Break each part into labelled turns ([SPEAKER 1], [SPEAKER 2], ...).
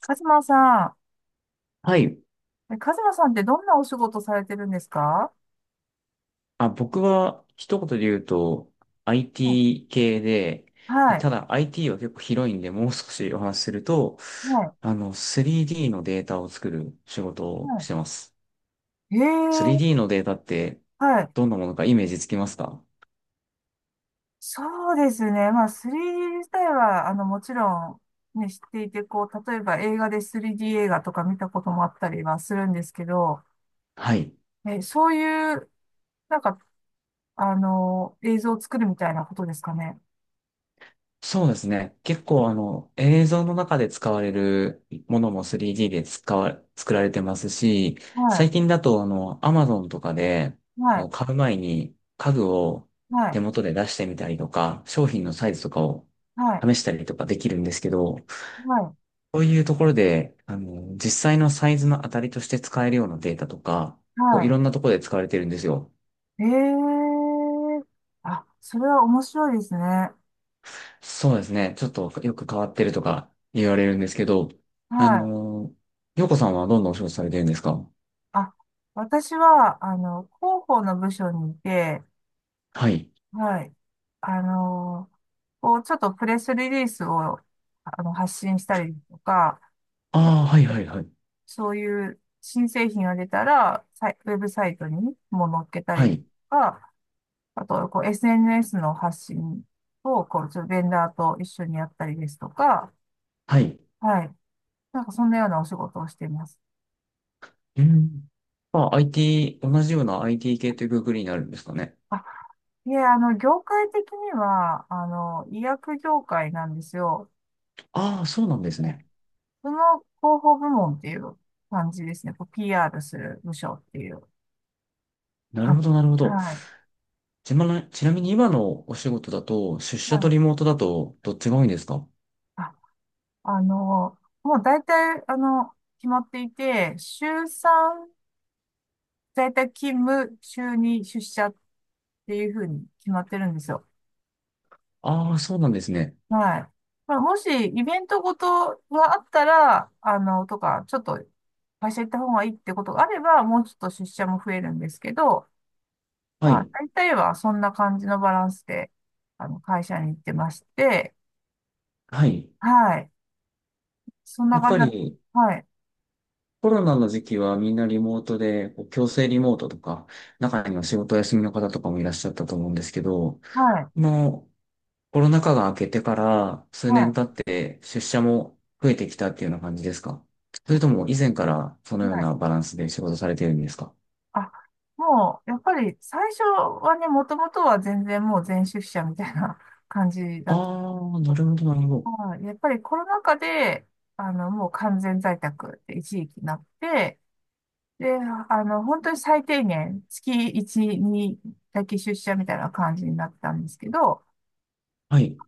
[SPEAKER 1] カズマさ
[SPEAKER 2] はい。
[SPEAKER 1] カズマさんってどんなお仕事されてるんですか？
[SPEAKER 2] 僕は一言で言うと
[SPEAKER 1] うん、
[SPEAKER 2] IT 系で、
[SPEAKER 1] はい、
[SPEAKER 2] ただ IT は結構広いんで、もう少しお話しすると、
[SPEAKER 1] はい、
[SPEAKER 2] 3D のデータを作る仕事をし
[SPEAKER 1] は
[SPEAKER 2] てます。
[SPEAKER 1] い。え
[SPEAKER 2] 3D
[SPEAKER 1] え、
[SPEAKER 2] のデータって
[SPEAKER 1] はい。
[SPEAKER 2] どんなものかイメージつきますか？
[SPEAKER 1] そうですね。まあ、3D 自体は、もちろん、ね、知っていて、こう、例えば映画で 3D 映画とか見たこともあったりはするんですけど、
[SPEAKER 2] はい。
[SPEAKER 1] そういう、なんか、映像を作るみたいなことですかね。
[SPEAKER 2] そうですね。結構映像の中で使われるものも 3D で作られてますし、最
[SPEAKER 1] は
[SPEAKER 2] 近だとAmazon とかで
[SPEAKER 1] い、は
[SPEAKER 2] こ
[SPEAKER 1] い、
[SPEAKER 2] う買う前に家具を
[SPEAKER 1] はい、
[SPEAKER 2] 手元で出してみたりとか、商品のサイズとかを
[SPEAKER 1] はい、
[SPEAKER 2] 試したりとかできるんですけど、
[SPEAKER 1] はい、
[SPEAKER 2] そういうところで、実際のサイズの当たりとして使えるようなデータとか、こうい
[SPEAKER 1] は
[SPEAKER 2] ろんなところで使われてるんですよ。
[SPEAKER 1] い。ええ、あ、それは面白いですね。
[SPEAKER 2] そうですね。ちょっとよく変わってるとか言われるんですけど、
[SPEAKER 1] は
[SPEAKER 2] あ
[SPEAKER 1] い。
[SPEAKER 2] の洋子さんはどんなお仕事されてるんですか？
[SPEAKER 1] あ、私は、広報の部署にいて、
[SPEAKER 2] はい。
[SPEAKER 1] はい。あの、こう、ちょっとプレスリリースを、発信したりとか、
[SPEAKER 2] ああ、はいはいはい。
[SPEAKER 1] そういう新製品が出たら、サイウェブサイトにも載っけた
[SPEAKER 2] は
[SPEAKER 1] りと
[SPEAKER 2] い。
[SPEAKER 1] か、あと、こう、SNS の発信を、こう、ちょっとベンダーと一緒にやったりですとか、
[SPEAKER 2] はい。
[SPEAKER 1] はい。そんなようなお仕事をしています。
[SPEAKER 2] うん。まあ、同じような IT 系というくくりになるんですかね。
[SPEAKER 1] あいえ、業界的には、医薬業界なんですよ。
[SPEAKER 2] ああ、そうなんですね。
[SPEAKER 1] その広報部門っていう感じですね。こう PR する部署っていう
[SPEAKER 2] なる
[SPEAKER 1] 感
[SPEAKER 2] ほ
[SPEAKER 1] じ。
[SPEAKER 2] ど、なるほど。
[SPEAKER 1] はい。
[SPEAKER 2] ちなみに今のお仕事だと、出社と
[SPEAKER 1] は
[SPEAKER 2] リモートだと、どっち
[SPEAKER 1] い。
[SPEAKER 2] が多いんですか？
[SPEAKER 1] あ、あの、もう大体、決まっていて、週3、在宅勤務、週2出社っていうふうに決まってるんですよ。
[SPEAKER 2] ああー、そうなんですね。
[SPEAKER 1] はい。まあ、もし、イベントごとがあったら、あの、とか、ちょっと、会社行った方がいいってことがあれば、もうちょっと出社も増えるんですけど、
[SPEAKER 2] は
[SPEAKER 1] まあ、
[SPEAKER 2] い。
[SPEAKER 1] 大体はそんな感じのバランスで、会社に行ってまして、
[SPEAKER 2] はい。
[SPEAKER 1] はい。そん
[SPEAKER 2] や
[SPEAKER 1] な
[SPEAKER 2] っ
[SPEAKER 1] 感じ
[SPEAKER 2] ぱ
[SPEAKER 1] なんです。
[SPEAKER 2] り、
[SPEAKER 1] はい。
[SPEAKER 2] コロナの時期はみんなリモートで、こう強制リモートとか、中には仕事休みの方とかもいらっしゃったと思うんですけど、
[SPEAKER 1] はい。
[SPEAKER 2] もうコロナ禍が明けてから数
[SPEAKER 1] は
[SPEAKER 2] 年
[SPEAKER 1] い。
[SPEAKER 2] 経って出社も増えてきたっていうような感じですか？それとも以前からそのよう
[SPEAKER 1] はい。
[SPEAKER 2] なバランスで仕事されてるんですか？
[SPEAKER 1] あ、もう、やっぱり最初はね、もともとは全然もう全出社みたいな 感じだ
[SPEAKER 2] あ
[SPEAKER 1] った。
[SPEAKER 2] あー、なるほど、なるほど。
[SPEAKER 1] はい。やっぱりコロナ禍で、もう完全在宅って一時期なって、で、本当に最低限、月1、2だけ出社みたいな感じになったんですけど、
[SPEAKER 2] はい、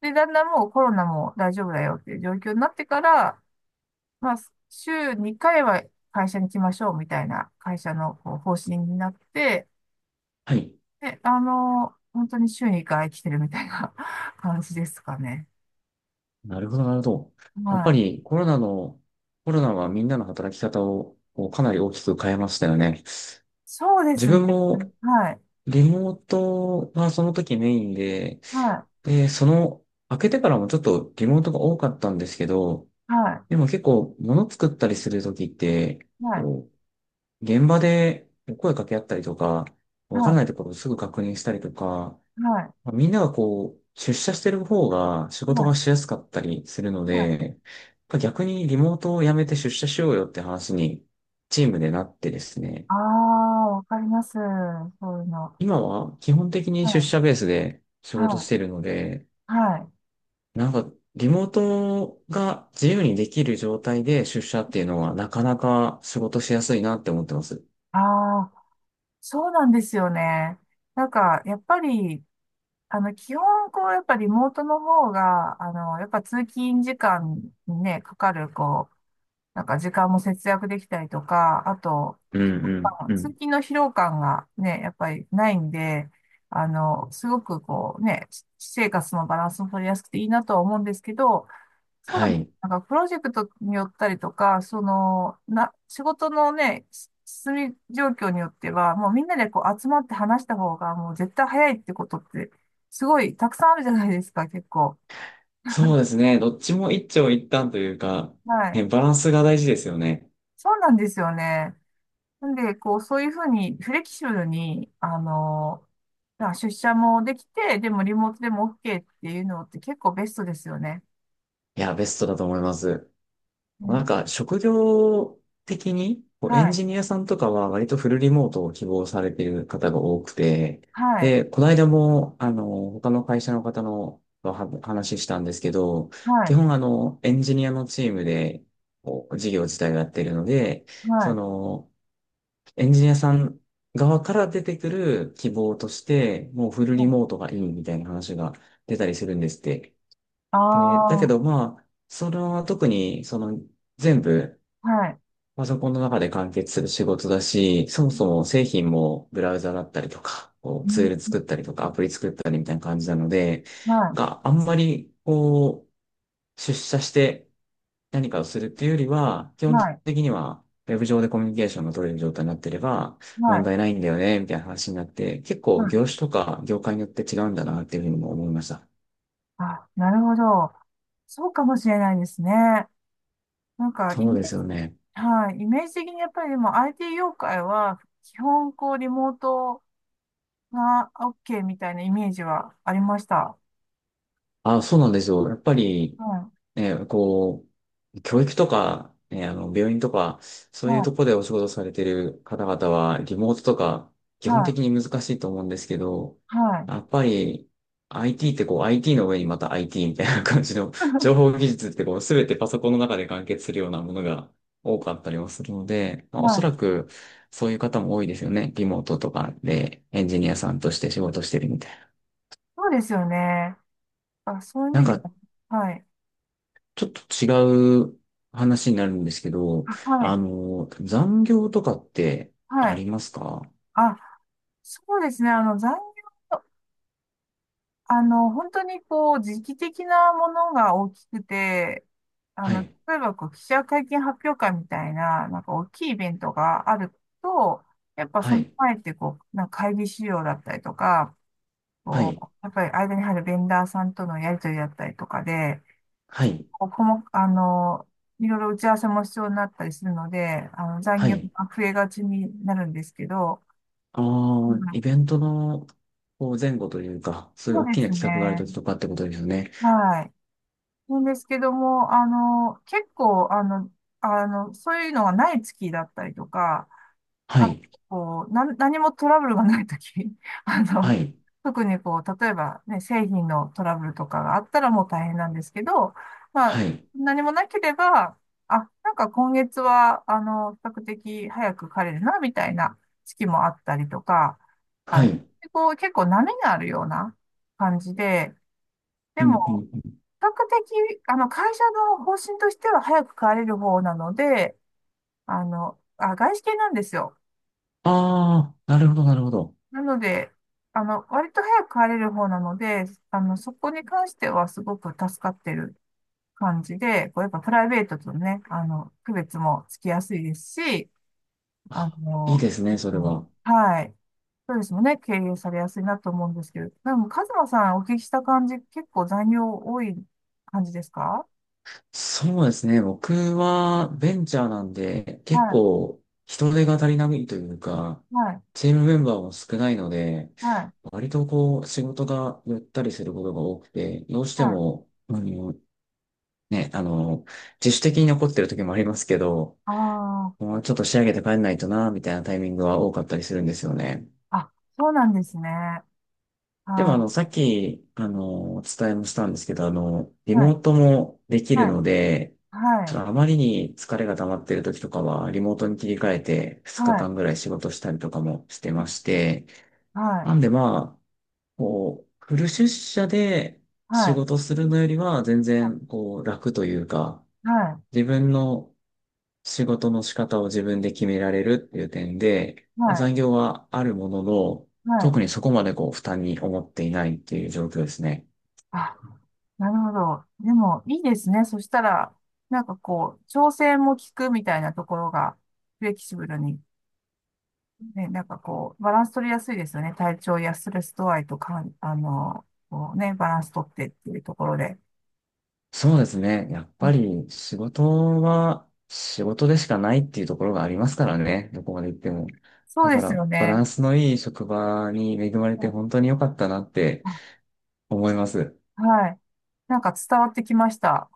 [SPEAKER 1] で、だんだんもうコロナも大丈夫だよっていう状況になってから、まあ、週2回は会社に来ましょうみたいな会社のこう方針になって、
[SPEAKER 2] はい。
[SPEAKER 1] で、本当に週2回来てるみたいな 感じですかね。
[SPEAKER 2] なるほど、なるほど。やっ
[SPEAKER 1] は
[SPEAKER 2] ぱ
[SPEAKER 1] い。
[SPEAKER 2] りコロナはみんなの働き方をこうかなり大きく変えましたよね。
[SPEAKER 1] そうで
[SPEAKER 2] 自
[SPEAKER 1] すね。
[SPEAKER 2] 分も
[SPEAKER 1] はい。
[SPEAKER 2] リモートはその時メインで、
[SPEAKER 1] は
[SPEAKER 2] で、開けてからもちょっとリモートが多かったんですけど、
[SPEAKER 1] い。は
[SPEAKER 2] でも結構物作ったりする時って、
[SPEAKER 1] い。はい。
[SPEAKER 2] こう、現場で声かけ合ったりとか、わからな
[SPEAKER 1] は
[SPEAKER 2] いところをすぐ確認したりとか、
[SPEAKER 1] い。はい。
[SPEAKER 2] まあみんながこう、出社してる方が仕事
[SPEAKER 1] は
[SPEAKER 2] が
[SPEAKER 1] い。
[SPEAKER 2] しやすかったりするの
[SPEAKER 1] はい。
[SPEAKER 2] で、逆にリモートをやめて出社しようよって話にチームでなってですね。
[SPEAKER 1] ああ、わかります。そういうの。
[SPEAKER 2] 今は基本的に出
[SPEAKER 1] は
[SPEAKER 2] 社ベースで仕
[SPEAKER 1] い。
[SPEAKER 2] 事し
[SPEAKER 1] は
[SPEAKER 2] てるので、
[SPEAKER 1] い。はい。
[SPEAKER 2] なんかリモートが自由にできる状態で出社っていうのはなかなか仕事しやすいなって思ってます。
[SPEAKER 1] ああ、そうなんですよね。やっぱり、基本、こう、やっぱリモートの方が、やっぱ通勤時間にね、かかる、こう、時間も節約できたりとか、あと、
[SPEAKER 2] うん
[SPEAKER 1] まあの
[SPEAKER 2] うんう
[SPEAKER 1] 通
[SPEAKER 2] ん。
[SPEAKER 1] 勤の疲労感がね、やっぱりないんで、すごくこうね、私生活のバランスも取りやすくていいなとは思うんですけど、そうだ、
[SPEAKER 2] はい。
[SPEAKER 1] プロジェクトによったりとか、その、仕事のね、進み状況によっては、もうみんなでこう集まって話した方が、もう絶対早いってことって、すごいたくさんあるじゃないですか、結構。
[SPEAKER 2] そうですね。どっちも一長一短というか、
[SPEAKER 1] はい。
[SPEAKER 2] ね、バランスが大事ですよね。
[SPEAKER 1] そうなんですよね。なんで、こう、そういうふうに、フレキシブルに、まあ出社もできて、でもリモートでも OK っていうのって結構ベストですよね。
[SPEAKER 2] いや、ベストだと思います。
[SPEAKER 1] う
[SPEAKER 2] な
[SPEAKER 1] ん、
[SPEAKER 2] んか職業的にこうエ
[SPEAKER 1] は
[SPEAKER 2] ン
[SPEAKER 1] い。
[SPEAKER 2] ジニアさんとかは割とフルリモートを希望されている方が多くて、
[SPEAKER 1] はい。
[SPEAKER 2] で、この間も他の会社の方のとは話したんですけど、
[SPEAKER 1] は
[SPEAKER 2] 基
[SPEAKER 1] い。
[SPEAKER 2] 本エンジニアのチームでこう事業自体をやっているので、
[SPEAKER 1] は
[SPEAKER 2] そ
[SPEAKER 1] い。
[SPEAKER 2] のエンジニアさん側から出てくる希望として、もうフルリモートがいいみたいな話が出たりするんですって。で、だけ
[SPEAKER 1] あ
[SPEAKER 2] ど
[SPEAKER 1] あ
[SPEAKER 2] まあ、それは特にその全部
[SPEAKER 1] ー、はい。
[SPEAKER 2] パソコンの中で完結する仕事だし、そもそも製品もブラウザだったりとか、こう
[SPEAKER 1] う
[SPEAKER 2] ツー
[SPEAKER 1] ん、
[SPEAKER 2] ル作ったりとか、アプリ作ったりみたいな感じなので、
[SPEAKER 1] は
[SPEAKER 2] があんまりこう、出社して何かをするっていうよりは、基
[SPEAKER 1] い、
[SPEAKER 2] 本
[SPEAKER 1] はい、
[SPEAKER 2] 的にはウェブ上でコミュニケーションが取れる状態になってれば
[SPEAKER 1] は
[SPEAKER 2] 問
[SPEAKER 1] い、
[SPEAKER 2] 題ないんだよね、みたいな話になって、結
[SPEAKER 1] は
[SPEAKER 2] 構
[SPEAKER 1] い。
[SPEAKER 2] 業種とか業界によって違うんだなっていうふうにも思いました。
[SPEAKER 1] なるほど。そうかもしれないですね。なんか、イ
[SPEAKER 2] そ
[SPEAKER 1] メ
[SPEAKER 2] うで
[SPEAKER 1] ー
[SPEAKER 2] す
[SPEAKER 1] ジ、
[SPEAKER 2] よね。
[SPEAKER 1] はい、イメージ的にやっぱりでも IT 業界は、基本こう、リモートが OK みたいなイメージはありました。
[SPEAKER 2] あ、そうなんですよ。やっぱり、
[SPEAKER 1] は
[SPEAKER 2] ね、こう、教育とか、ね、病院とか、
[SPEAKER 1] い、
[SPEAKER 2] そういう
[SPEAKER 1] は
[SPEAKER 2] と
[SPEAKER 1] い、
[SPEAKER 2] こでお仕事されてる方々は、リモートとか、基本
[SPEAKER 1] は
[SPEAKER 2] 的に難しいと思うんですけど、
[SPEAKER 1] い、はい。
[SPEAKER 2] やっぱり、IT ってこう、IT の上にまた IT みたいな感じの、情 報技術ってこう、すべてパソコンの中で完結するようなものが多かったりもするので、まあ、おそ
[SPEAKER 1] はい。
[SPEAKER 2] らく、そういう方も多いですよね。リモートとかで、エンジニアさんとして仕事してるみたいな。
[SPEAKER 1] そうですよね。そういう
[SPEAKER 2] なん
[SPEAKER 1] 意味で
[SPEAKER 2] か、
[SPEAKER 1] は、はい。
[SPEAKER 2] ちょっと違う話になるんですけど、
[SPEAKER 1] はい。
[SPEAKER 2] 残業とかって
[SPEAKER 1] は
[SPEAKER 2] あ
[SPEAKER 1] い。
[SPEAKER 2] りますか？
[SPEAKER 1] あ、そうですね。あの、残業あの、本当にこう、時期的なものが大きくて、あ
[SPEAKER 2] は
[SPEAKER 1] の、
[SPEAKER 2] い、
[SPEAKER 1] 例えばこう、記者会見発表会みたいな、大きいイベントがあると、やっぱ
[SPEAKER 2] は
[SPEAKER 1] その
[SPEAKER 2] い、
[SPEAKER 1] 前ってこう、会議資料だったりとか、
[SPEAKER 2] は
[SPEAKER 1] こ
[SPEAKER 2] い、
[SPEAKER 1] う、やっぱり間に入るベンダーさんとのやりとりだったりとかで、
[SPEAKER 2] はい、
[SPEAKER 1] こうこも、あの、いろいろ打ち合わせも必要になったりするので、残
[SPEAKER 2] は
[SPEAKER 1] 業
[SPEAKER 2] い。
[SPEAKER 1] が増えがちになるんですけど、
[SPEAKER 2] あ
[SPEAKER 1] う
[SPEAKER 2] あ、イ
[SPEAKER 1] ん、
[SPEAKER 2] ベントのこう前後というか、そういう
[SPEAKER 1] そ
[SPEAKER 2] 大
[SPEAKER 1] うで
[SPEAKER 2] き
[SPEAKER 1] す
[SPEAKER 2] な企画があるとき
[SPEAKER 1] ね。
[SPEAKER 2] とかってことですよね。
[SPEAKER 1] はい。なんですけども、結構、そういうのがない月だったりとか、
[SPEAKER 2] は
[SPEAKER 1] あ、
[SPEAKER 2] い、
[SPEAKER 1] こう、何もトラブルがない時 あ
[SPEAKER 2] は
[SPEAKER 1] の、
[SPEAKER 2] い、
[SPEAKER 1] 特にこう、例えばね、製品のトラブルとかがあったらもう大変なんですけど、まあ、
[SPEAKER 2] はい、
[SPEAKER 1] 何もなければ、今月は、比較的早く帰れるな、みたいな月もあったりとか、あ
[SPEAKER 2] は
[SPEAKER 1] の、
[SPEAKER 2] い。
[SPEAKER 1] 結構波があるような感じで、で
[SPEAKER 2] う
[SPEAKER 1] も
[SPEAKER 2] ん、うん、うん。
[SPEAKER 1] 比較的、会社の方針としては早く帰れる方なので、外資系なんですよ。
[SPEAKER 2] ああ、なるほど、なるほど。
[SPEAKER 1] なので、割と早く帰れる方なので、そこに関してはすごく助かってる感じで、こうやっぱプライベートとね、区別もつきやすいですし、あ
[SPEAKER 2] あ、いい
[SPEAKER 1] の、
[SPEAKER 2] ですね、それは。
[SPEAKER 1] はい。そうですもね、経営されやすいなと思うんですけど、でも、カズマさんお聞きした感じ、結構残業多い感じですか？
[SPEAKER 2] そうですね。僕はベンチャーなんで、結
[SPEAKER 1] は
[SPEAKER 2] 構人手が足りないというか、
[SPEAKER 1] い、はい、
[SPEAKER 2] チームメンバーも少ないので、
[SPEAKER 1] はい、
[SPEAKER 2] 割とこう仕事がゆったりすることが多くて、どうして
[SPEAKER 1] はい。
[SPEAKER 2] も、ね、あの、自主的に残ってる時もありますけど、
[SPEAKER 1] ああ、
[SPEAKER 2] もうちょっと仕上げて帰んないとな、みたいなタイミングは多かったりするんですよね。
[SPEAKER 1] あ、そうなんですね。
[SPEAKER 2] でも
[SPEAKER 1] あー、
[SPEAKER 2] さっき、お伝えもしたんですけど、リ
[SPEAKER 1] は
[SPEAKER 2] モ
[SPEAKER 1] い、
[SPEAKER 2] ートもできる
[SPEAKER 1] はい、
[SPEAKER 2] ので、
[SPEAKER 1] は
[SPEAKER 2] ち
[SPEAKER 1] い、
[SPEAKER 2] ょっとあまりに疲れが溜まってる時とかは、リモートに切り替えて2
[SPEAKER 1] は
[SPEAKER 2] 日
[SPEAKER 1] い、
[SPEAKER 2] 間ぐらい仕事したりとかもしてまして、
[SPEAKER 1] はい、
[SPEAKER 2] なんでまあ、こう、フル出社で仕
[SPEAKER 1] はい、
[SPEAKER 2] 事するのよりは全然こう楽というか、
[SPEAKER 1] はい、
[SPEAKER 2] 自分の仕事の仕方を自分で決められるっていう点で、まあ
[SPEAKER 1] は
[SPEAKER 2] 残業はあるものの、
[SPEAKER 1] い、は
[SPEAKER 2] 特
[SPEAKER 1] い。
[SPEAKER 2] にそこまでこう負担に思っていないっていう状況ですね。
[SPEAKER 1] あ、なるほど。でも、いいですね。そしたら、調整も効くみたいなところが、フレキシブルに、ね、バランス取りやすいですよね。体調やストレス度合いとかこうね、バランス取ってっていうところで。
[SPEAKER 2] そうですね。やっぱ
[SPEAKER 1] で、
[SPEAKER 2] り仕事は仕事でしかないっていうところがありますからね。どこまで行っても。
[SPEAKER 1] そ
[SPEAKER 2] だ
[SPEAKER 1] うで
[SPEAKER 2] か
[SPEAKER 1] す
[SPEAKER 2] ら
[SPEAKER 1] よ
[SPEAKER 2] バラ
[SPEAKER 1] ね。
[SPEAKER 2] ンスのいい職場に恵まれ
[SPEAKER 1] う
[SPEAKER 2] て
[SPEAKER 1] ん。
[SPEAKER 2] 本当に良かったなって
[SPEAKER 1] あ
[SPEAKER 2] 思います。
[SPEAKER 1] はい。伝わってきました。